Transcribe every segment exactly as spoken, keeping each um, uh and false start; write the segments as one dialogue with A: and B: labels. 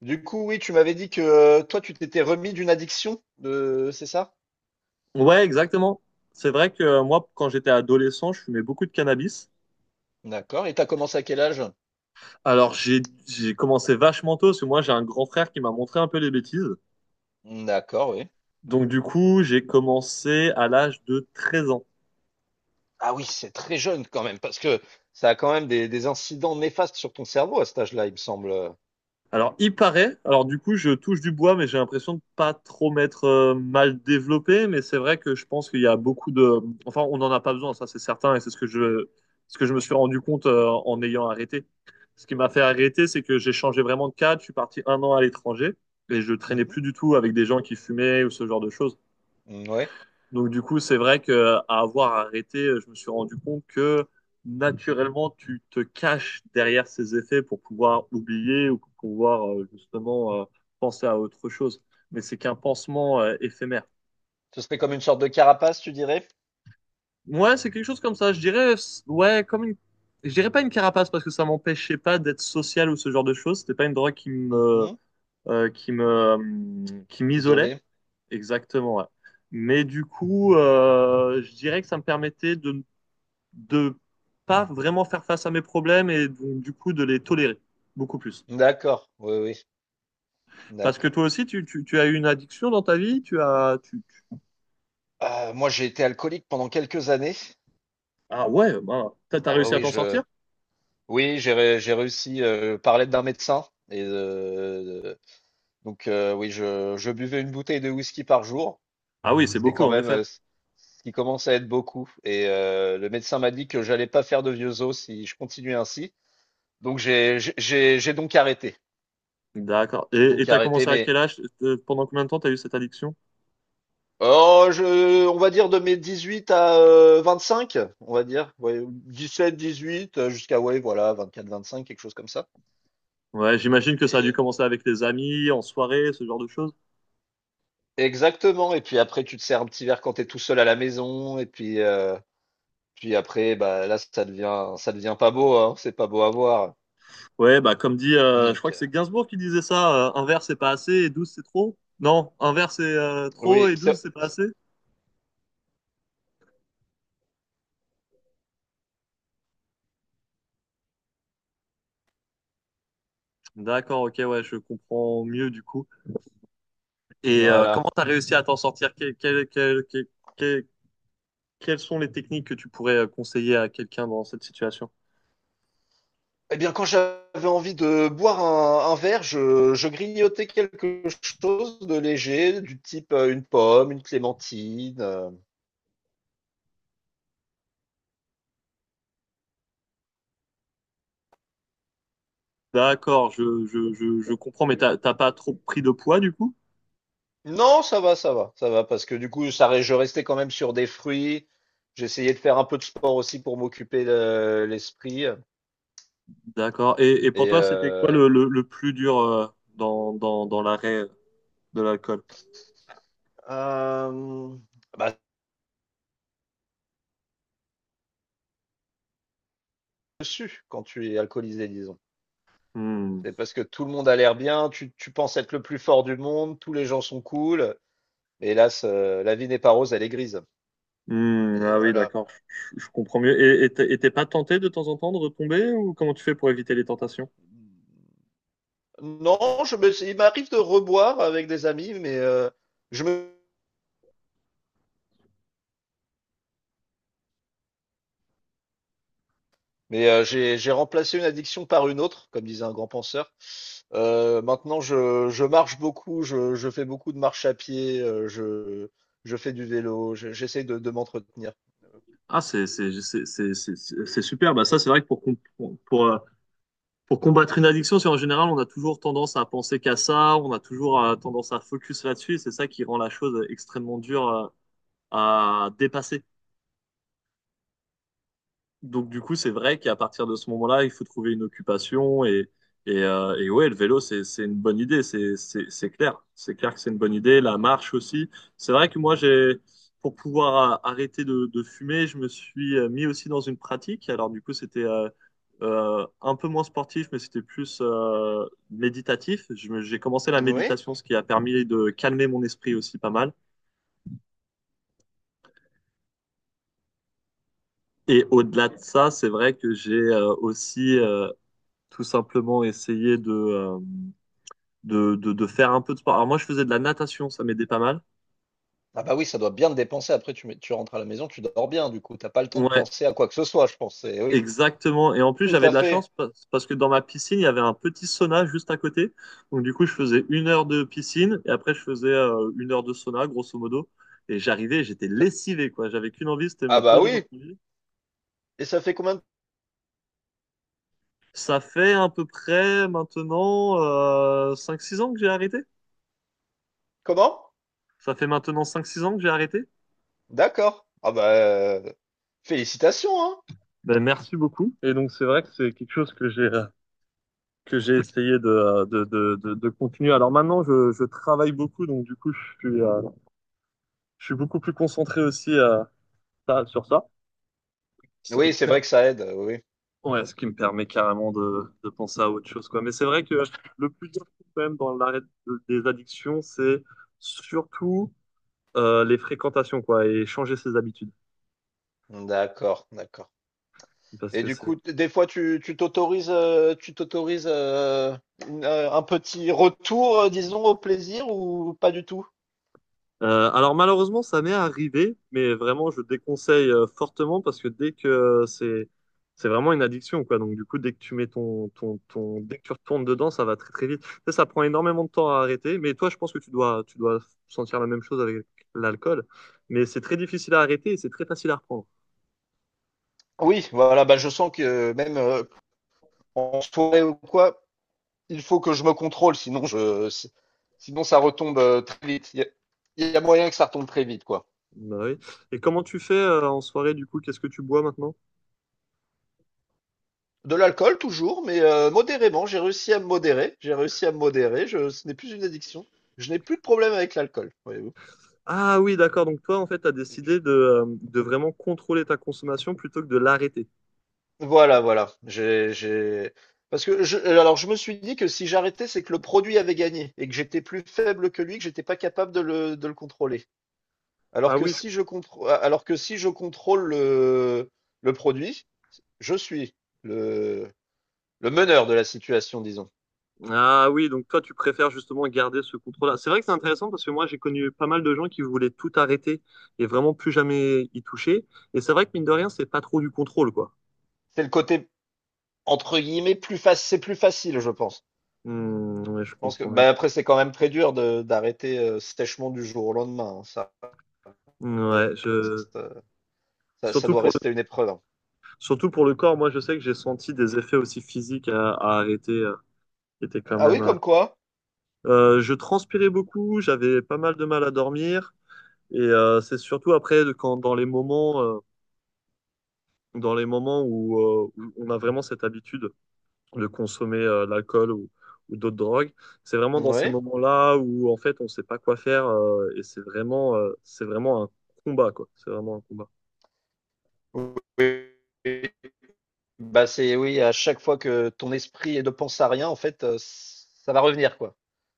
A: Du coup, oui, tu m'avais dit que euh, toi, tu t'étais remis d'une addiction, de... c'est ça?
B: Ouais, exactement. C'est vrai que euh, moi, quand j'étais adolescent, je fumais beaucoup de cannabis.
A: D'accord. Et t'as commencé à quel âge?
B: Alors, j'ai j'ai commencé vachement tôt, parce que moi, j'ai un grand frère qui m'a montré un peu les bêtises.
A: D'accord, oui.
B: Donc, du coup, j'ai commencé à l'âge de treize ans.
A: Ah oui, c'est très jeune quand même, parce que ça a quand même des, des incidents néfastes sur ton cerveau à cet âge-là, il me semble.
B: Alors, il paraît, alors du coup, je touche du bois, mais j'ai l'impression de pas trop m'être euh, mal développé. Mais c'est vrai que je pense qu'il y a beaucoup de. Enfin, on n'en a pas besoin, ça c'est certain, et c'est ce que je, ce que je me suis rendu compte euh, en ayant arrêté. Ce qui m'a fait arrêter, c'est que j'ai changé vraiment de cadre. Je suis parti un an à l'étranger et je
A: Mmh
B: traînais
A: mh.
B: plus du tout avec des gens qui fumaient ou ce genre de choses.
A: Mmh, ouais.
B: Donc du coup, c'est vrai que à avoir arrêté, je me suis rendu compte que naturellement, tu te caches derrière ces effets pour pouvoir oublier ou pour pouvoir euh, justement euh, penser à autre chose. Mais c'est qu'un pansement euh, éphémère.
A: Ce serait comme une sorte de carapace, tu dirais?
B: Ouais, c'est quelque chose comme ça. Je dirais, c- ouais, comme une, je dirais pas une carapace parce que ça m'empêchait pas d'être social ou ce genre de choses. C'était pas une drogue qui
A: Mmh
B: me,
A: mh,
B: euh, qui me, euh, qui
A: qui
B: m'isolait.
A: t'isolait.
B: Exactement, ouais. Mais du coup, euh, je dirais que ça me permettait de de pas vraiment faire face à mes problèmes et donc, du coup de les tolérer beaucoup plus.
A: D'accord, oui, oui,
B: Parce que
A: d'accord.
B: toi aussi, tu, tu, tu as eu une addiction dans ta vie, tu as... Tu, tu-
A: Heu, moi, j'ai été alcoolique pendant quelques années.
B: Ah ouais, bah, t'as t'as
A: Ah ouais,
B: réussi à
A: oui,
B: t'en
A: je
B: sortir?
A: oui, j'ai ré j'ai réussi, heu, par l'aide d'un médecin et heu, donc heu, oui, je je buvais une bouteille de whisky par jour.
B: Ah oui, c'est
A: C'était
B: beaucoup
A: quand
B: en
A: même,
B: effet.
A: heu, ce ce qui commence à être beaucoup et heu, le médecin m'a dit que j'allais pas faire de vieux os si je continuais ainsi. Donc j'ai j'ai j'ai j'ai donc arrêté.
B: D'accord.
A: J'ai
B: Et et
A: donc
B: t'as
A: arrêté,
B: commencé à
A: mais
B: quel âge? Euh, Pendant combien de temps t'as eu cette addiction?
A: oh, je, on va dire de mes dix-huit à euh, vingt-cinq, on va dire. Ouais, dix-sept, dix-huit, euh, jusqu'à, ouais, voilà, vingt-quatre, vingt-cinq, quelque chose comme ça.
B: Ouais, j'imagine que ça a dû
A: Et-
B: commencer avec les amis, en soirée, ce genre de choses.
A: exactement. Et puis après, tu te sers un petit verre quand t'es tout seul à la maison. Et puis, euh, puis après, bah, là, ça devient, ça devient pas beau, hein. C'est pas beau à voir.
B: Ouais, bah comme dit, euh, je crois
A: Donc,
B: que
A: euh,
B: c'est Gainsbourg qui disait ça, euh, un verre c'est pas assez et douze c'est trop. Non, un verre c'est euh, trop
A: oui,
B: et
A: c'est-
B: douze c'est pas
A: c'est-
B: assez. D'accord, ok, ouais, je comprends mieux du coup. Et euh,
A: voilà.
B: comment tu as réussi à t'en sortir? Que- que- que- que- que- Quelles sont les techniques que tu pourrais euh, conseiller à quelqu'un dans cette situation?
A: Eh bien, quand j'avais envie de boire un, un verre, je, je grignotais quelque chose de léger, du type euh, une pomme, une clémentine. Euh,
B: D'accord, je, je, je, je comprends, mais t'as t'as pas trop pris de poids du coup?
A: Non, ça va, ça va, ça va, parce que du coup, ça, re- je restais quand même sur des fruits. J'essayais de faire un peu de sport aussi pour m'occuper le- l'esprit.
B: D'accord. Et, et pour
A: Et
B: toi, c'était quoi
A: euh,
B: le, le, le plus dur euh, dans, dans, dans l'arrêt de l'alcool?
A: euh, bah, Dessus, quand tu es alcoolisé, disons.
B: Hmm.
A: C'est parce que tout le monde a l'air bien, tu, tu penses être le plus fort du monde, tous les gens sont cool. Mais hélas, euh, la vie n'est pas rose, elle est grise.
B: Hmm,
A: Et
B: ah oui,
A: voilà.
B: d'accord, je, je- je comprends mieux. Et et t'es et t'es pas tenté de temps en temps de retomber ou comment tu fais pour éviter les tentations?
A: Non, je me, il m'arrive de reboire avec des amis, mais euh, je me Mais euh, j'ai j'ai remplacé une addiction par une autre, comme disait un grand penseur. Euh, maintenant, je, je marche beaucoup, je, je fais beaucoup de marche à pied, euh, je, je fais du vélo, je- j'essaie de, de m'entretenir.
B: Ah, c'est c'est- c'est- c'est- c'est- c'est c'est super. Bah, ça, c'est vrai que pour, comp- pour, pour combattre une addiction, c'est en général, on a toujours tendance à penser qu'à ça, on a toujours euh, tendance à focus là-dessus, et c'est ça qui rend la chose extrêmement dure euh, à dépasser. Donc du coup, c'est vrai qu'à partir de ce moment-là, il faut trouver une occupation et et, euh, et ouais, le vélo, c'est c'est une bonne idée, c'est c'est c'est clair, c'est clair que c'est une bonne idée. La marche aussi. C'est vrai que moi, j'ai pour pouvoir a- arrêter de, de fumer, je me suis euh, mis aussi dans une pratique. Alors du coup, c'était euh, euh, un peu moins sportif, mais c'était plus euh, méditatif. Je me- J'ai commencé la
A: Oui.
B: méditation, ce qui a permis de calmer mon esprit aussi pas mal. Et au-delà de ça, c'est vrai que j'ai euh, aussi euh, tout simplement essayer de, euh, de, de, de faire un peu de sport. Alors moi, je faisais de la natation, ça m'aidait pas mal.
A: Ah bah oui, ça doit bien te dépenser. Après, tu, mets- tu rentres à la maison, tu dors bien, du coup, t'as pas le temps de
B: Ouais,
A: penser à quoi que ce soit, je pense. Eh oui,
B: exactement. Et en plus,
A: tout
B: j'avais
A: à
B: de la
A: fait.
B: chance pa- parce que dans ma piscine, il y avait un petit sauna juste à côté. Donc du coup, je faisais une heure de piscine et après, je faisais euh, une heure de sauna, grosso modo. Et j'arrivais, j'étais
A: Ça-
B: lessivé, quoi. J'avais qu'une envie, c'était de
A: Ah
B: me
A: bah
B: poser dans
A: oui.
B: mon lit.
A: Et ça fait combien de...
B: Ça fait à peu près maintenant euh, cinq six ans que j'ai arrêté.
A: Comment?
B: Ça fait maintenant cinq six ans que j'ai arrêté.
A: D'accord. Ah bah euh, félicitations, hein.
B: Ben, merci beaucoup. Et donc, c'est vrai que c'est quelque chose que j'ai que j'ai essayé de, de, de, de, de continuer. Alors maintenant, je, je travaille beaucoup, donc du coup, je suis, euh, je suis beaucoup plus concentré aussi euh, ça- sur ça. Ce qui
A: Oui,
B: me
A: c'est vrai
B: per-
A: que ça aide. Oui.
B: Ouais, ce qui me permet carrément de, de penser à autre chose, quoi. Mais c'est vrai que le plus dur, quand même, dans l'arrêt de- des addictions, c'est surtout euh, les fréquentations, quoi, et changer ses habitudes.
A: D'accord, d'accord.
B: Parce
A: Et
B: que
A: du
B: c'est
A: coup, t- des fois, tu tu t'autorises euh, tu t'autorises euh, une, euh, un petit retour, euh, disons, au plaisir ou pas du tout?
B: Euh, alors malheureusement, ça m'est arrivé, mais vraiment, je déconseille euh, fortement parce que dès que euh, c'est c'est vraiment une addiction, quoi. Donc du coup, dès que tu mets ton, ton, ton dès que tu retournes dedans, ça va très très vite. Ça, ça prend énormément de temps à arrêter. Mais toi, je pense que tu dois tu dois sentir la même chose avec l'alcool. Mais c'est très difficile à arrêter et c'est très facile à reprendre.
A: Oui, voilà, bah je sens que euh, même euh, en soirée ou quoi, il faut que je me contrôle, sinon je si- sinon ça retombe euh, très vite. Il y, a il y a moyen que ça retombe très vite, quoi.
B: Bah oui. Et comment tu fais euh, en soirée du coup? Qu'est-ce que tu bois maintenant?
A: De l'alcool toujours, mais euh, modérément. J'ai réussi à me modérer. J'ai réussi à me modérer. Je, ce n'est plus une addiction. Je n'ai plus de problème avec l'alcool, voyez-vous.
B: Ah oui, d'accord. Donc toi, en fait, t'as décidé de, euh, de vraiment contrôler ta consommation plutôt que de l'arrêter.
A: Voilà, voilà. J'ai, j'ai... Parce que je, alors je me suis dit que si j'arrêtais, c'est que le produit avait gagné et que j'étais plus faible que lui, que j'étais pas capable de le, de le contrôler. Alors
B: Ah
A: que
B: oui,
A: si je contrô- alors que si je contrôle le, le produit, je suis le, le meneur de la situation, disons.
B: ah oui, donc toi, tu préfères justement garder ce contrôle-là. C'est vrai que c'est intéressant parce que moi, j'ai connu pas mal de gens qui voulaient tout arrêter et vraiment plus jamais y toucher. Et c'est vrai que mine de rien, c'est pas trop du contrôle, quoi.
A: C'est le côté entre guillemets plus facile, c'est plus facile, je pense.
B: Hmm, ouais, je
A: Je pense que
B: comprends bien.
A: bah après c'est quand même très dur de d'arrêter euh, sèchement du jour au lendemain, hein. Ça,
B: Hmm, ouais, je...
A: reste, euh, ça, ça
B: Surtout
A: doit
B: pour le...
A: rester une épreuve, hein.
B: Surtout pour le corps, moi, je sais que j'ai senti des effets aussi physiques à, à arrêter, euh, qui étaient quand
A: Ah oui,
B: même... euh,
A: comme quoi?
B: euh, je transpirais beaucoup, j'avais pas mal de mal à dormir. Et euh, c'est surtout après, de- quand, dans les moments, euh, dans les moments où, euh, où on a vraiment cette habitude de consommer euh, de l'alcool ou, ou d'autres drogues. C'est vraiment dans ces
A: Oui.
B: moments-là où en fait on sait pas quoi faire euh, et c'est vraiment euh, c'est vraiment un combat quoi. C'est vraiment un combat.
A: Oui, bah, c'est oui, à chaque fois que ton esprit ne pense à rien, en fait, heu, ç ça va revenir, quoi.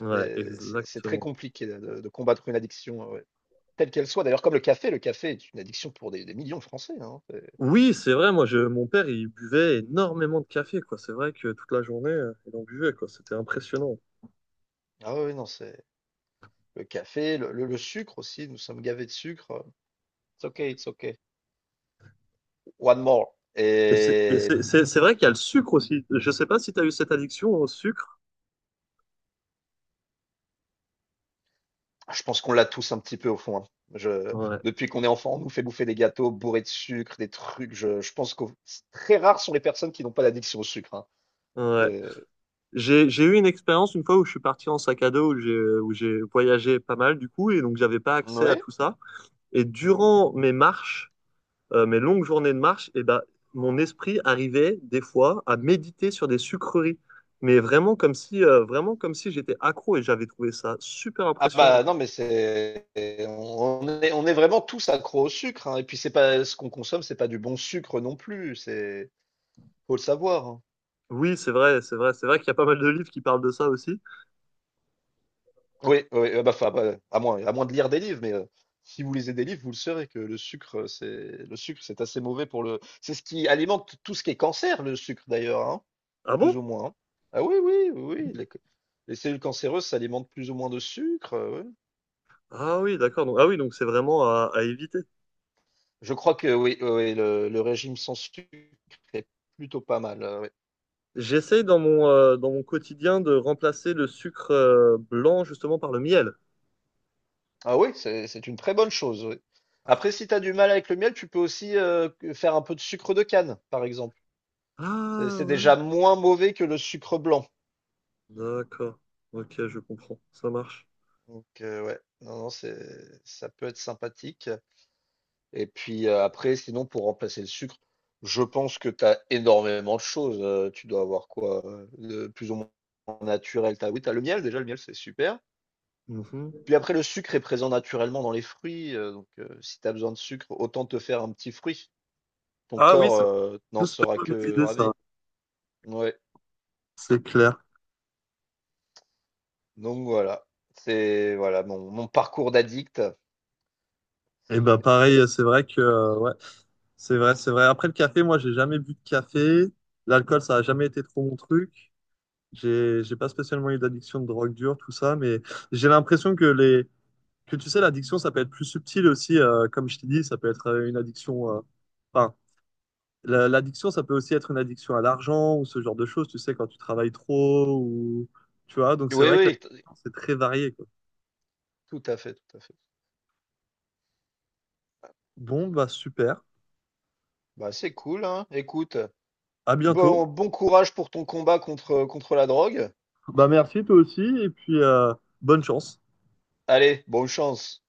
B: Ouais,
A: C'est c'est c'est très
B: exactement.
A: compliqué de de de combattre une addiction, heu, ouais, telle qu'elle soit. D'ailleurs, comme le café, le café est une addiction pour des des millions de Français, hein. C'est
B: Oui, c'est vrai. Moi, je, mon père, il buvait énormément de café, quoi. C'est vrai que toute la journée, euh, il en buvait, quoi. C'était impressionnant.
A: ah oui, oui, non, c'est le café, le le le sucre aussi, nous sommes gavés de sucre, it's okay, it's okay, one more
B: Et c'est et
A: et
B: c'est- c'est- c'est vrai qu'il y a le sucre aussi. Je sais pas si tu as eu cette addiction au sucre.
A: ah, je pense qu'on l'a tous un petit peu au fond, hein. Je,
B: Ouais.
A: depuis qu'on est enfant, on nous fait bouffer des gâteaux bourrés de sucre, des trucs. Je, je pense que très rares sont les personnes qui n'ont pas d'addiction au sucre, hein.
B: Ouais.
A: C'est-
B: J'ai, j'ai eu une expérience une fois où je suis parti en sac à dos, où j'ai, où j'ai voyagé pas mal du coup, et donc j'avais pas accès à
A: Oui.
B: tout ça. Et
A: Mhm.
B: durant mes marches, euh, mes longues journées de marche, et ben, mon esprit arrivait des fois à méditer sur des sucreries. Mais vraiment comme si, euh, vraiment comme si j'étais accro et j'avais trouvé ça super
A: Ah
B: impressionnant,
A: bah
B: quoi.
A: non, mais c'est on est, on est vraiment tous accros au sucre, hein. Et puis c'est pas ce qu'on consomme, c'est pas du bon sucre non plus. C'est faut le savoir, hein.
B: Oui, c'est vrai, c'est vrai, c'est vrai qu'il y a pas mal de livres qui parlent de ça aussi.
A: Oui, oui, ah bah, enfin, bah, à moins, à moins de lire des livres, mais euh, si vous lisez des livres, vous le saurez que le sucre, euh, c'est le sucre, c'est assez mauvais pour le. C'est ce qui alimente tout ce qui est cancer, le sucre d'ailleurs, hein,
B: Ah
A: plus ou
B: bon?
A: moins, hein. Ah oui, oui, oui, oui, les, ca- les cellules cancéreuses s'alimentent plus ou moins de sucre. Euh, oui.
B: Ah oui, d'accord. Donc, ah oui, donc c'est vraiment à, à éviter.
A: Je crois que oui, oui, oui, le, le régime sans sucre est plutôt pas mal. Euh, oui.
B: J'essaye dans mon, euh, dans mon quotidien de remplacer le sucre euh, blanc justement par le miel.
A: Ah oui, c'est c'est une très bonne chose, oui. Après, si tu as du mal avec le miel, tu peux aussi euh, que- faire un peu de sucre de canne, par exemple. C'est
B: Ah
A: c'est
B: ouais,
A: déjà moins mauvais que le sucre blanc.
B: d'accord. Ok, je comprends. Ça marche.
A: Donc euh, ouais, non, non, c'est, ça peut être sympathique. Et puis euh, après, sinon, pour remplacer le sucre, je pense que tu as énormément de choses. Euh, tu dois avoir quoi? Euh, De plus ou moins naturel. T'as, oui, tu as le miel, déjà, le miel, c'est super.
B: Mhm.
A: Puis après, le sucre est présent naturellement dans les fruits, euh, donc euh, si tu as besoin de sucre, autant te faire un petit fruit. Ton
B: Ah oui,
A: corps euh, n'en
B: j'espère
A: sera
B: pas
A: que
B: maîtriser ça,
A: ravi. Ouais,
B: c'est clair.
A: donc voilà. C'est voilà mon, mon parcours d'addict.
B: Et ben
A: C'est-
B: pareil, euh, c'est vrai que euh, ouais, c'est vrai, c'est vrai. Après le café, moi j'ai jamais bu de café. L'alcool, ça a jamais été trop mon truc. J'ai j'ai pas spécialement eu d'addiction de drogue dure, tout ça, mais j'ai l'impression que les que tu sais, l'addiction, ça peut être plus subtil aussi, euh, comme je t'ai dit, ça peut être euh, une addiction. euh, Enfin, la- L'addiction, ça peut aussi être une addiction à l'argent ou ce genre de choses, tu sais, quand tu travailles trop ou tu vois. Donc c'est
A: Oui,
B: vrai que
A: oui, t-
B: l'addiction, c'est très varié, quoi.
A: tout à fait, tout à fait.
B: Bon, bah super.
A: Bah, c'est cool, hein. Écoute.
B: À bientôt.
A: Bon, bon courage pour ton combat contre, contre la drogue.
B: Bah merci toi aussi et puis euh, bonne chance.
A: Allez, bonne chance.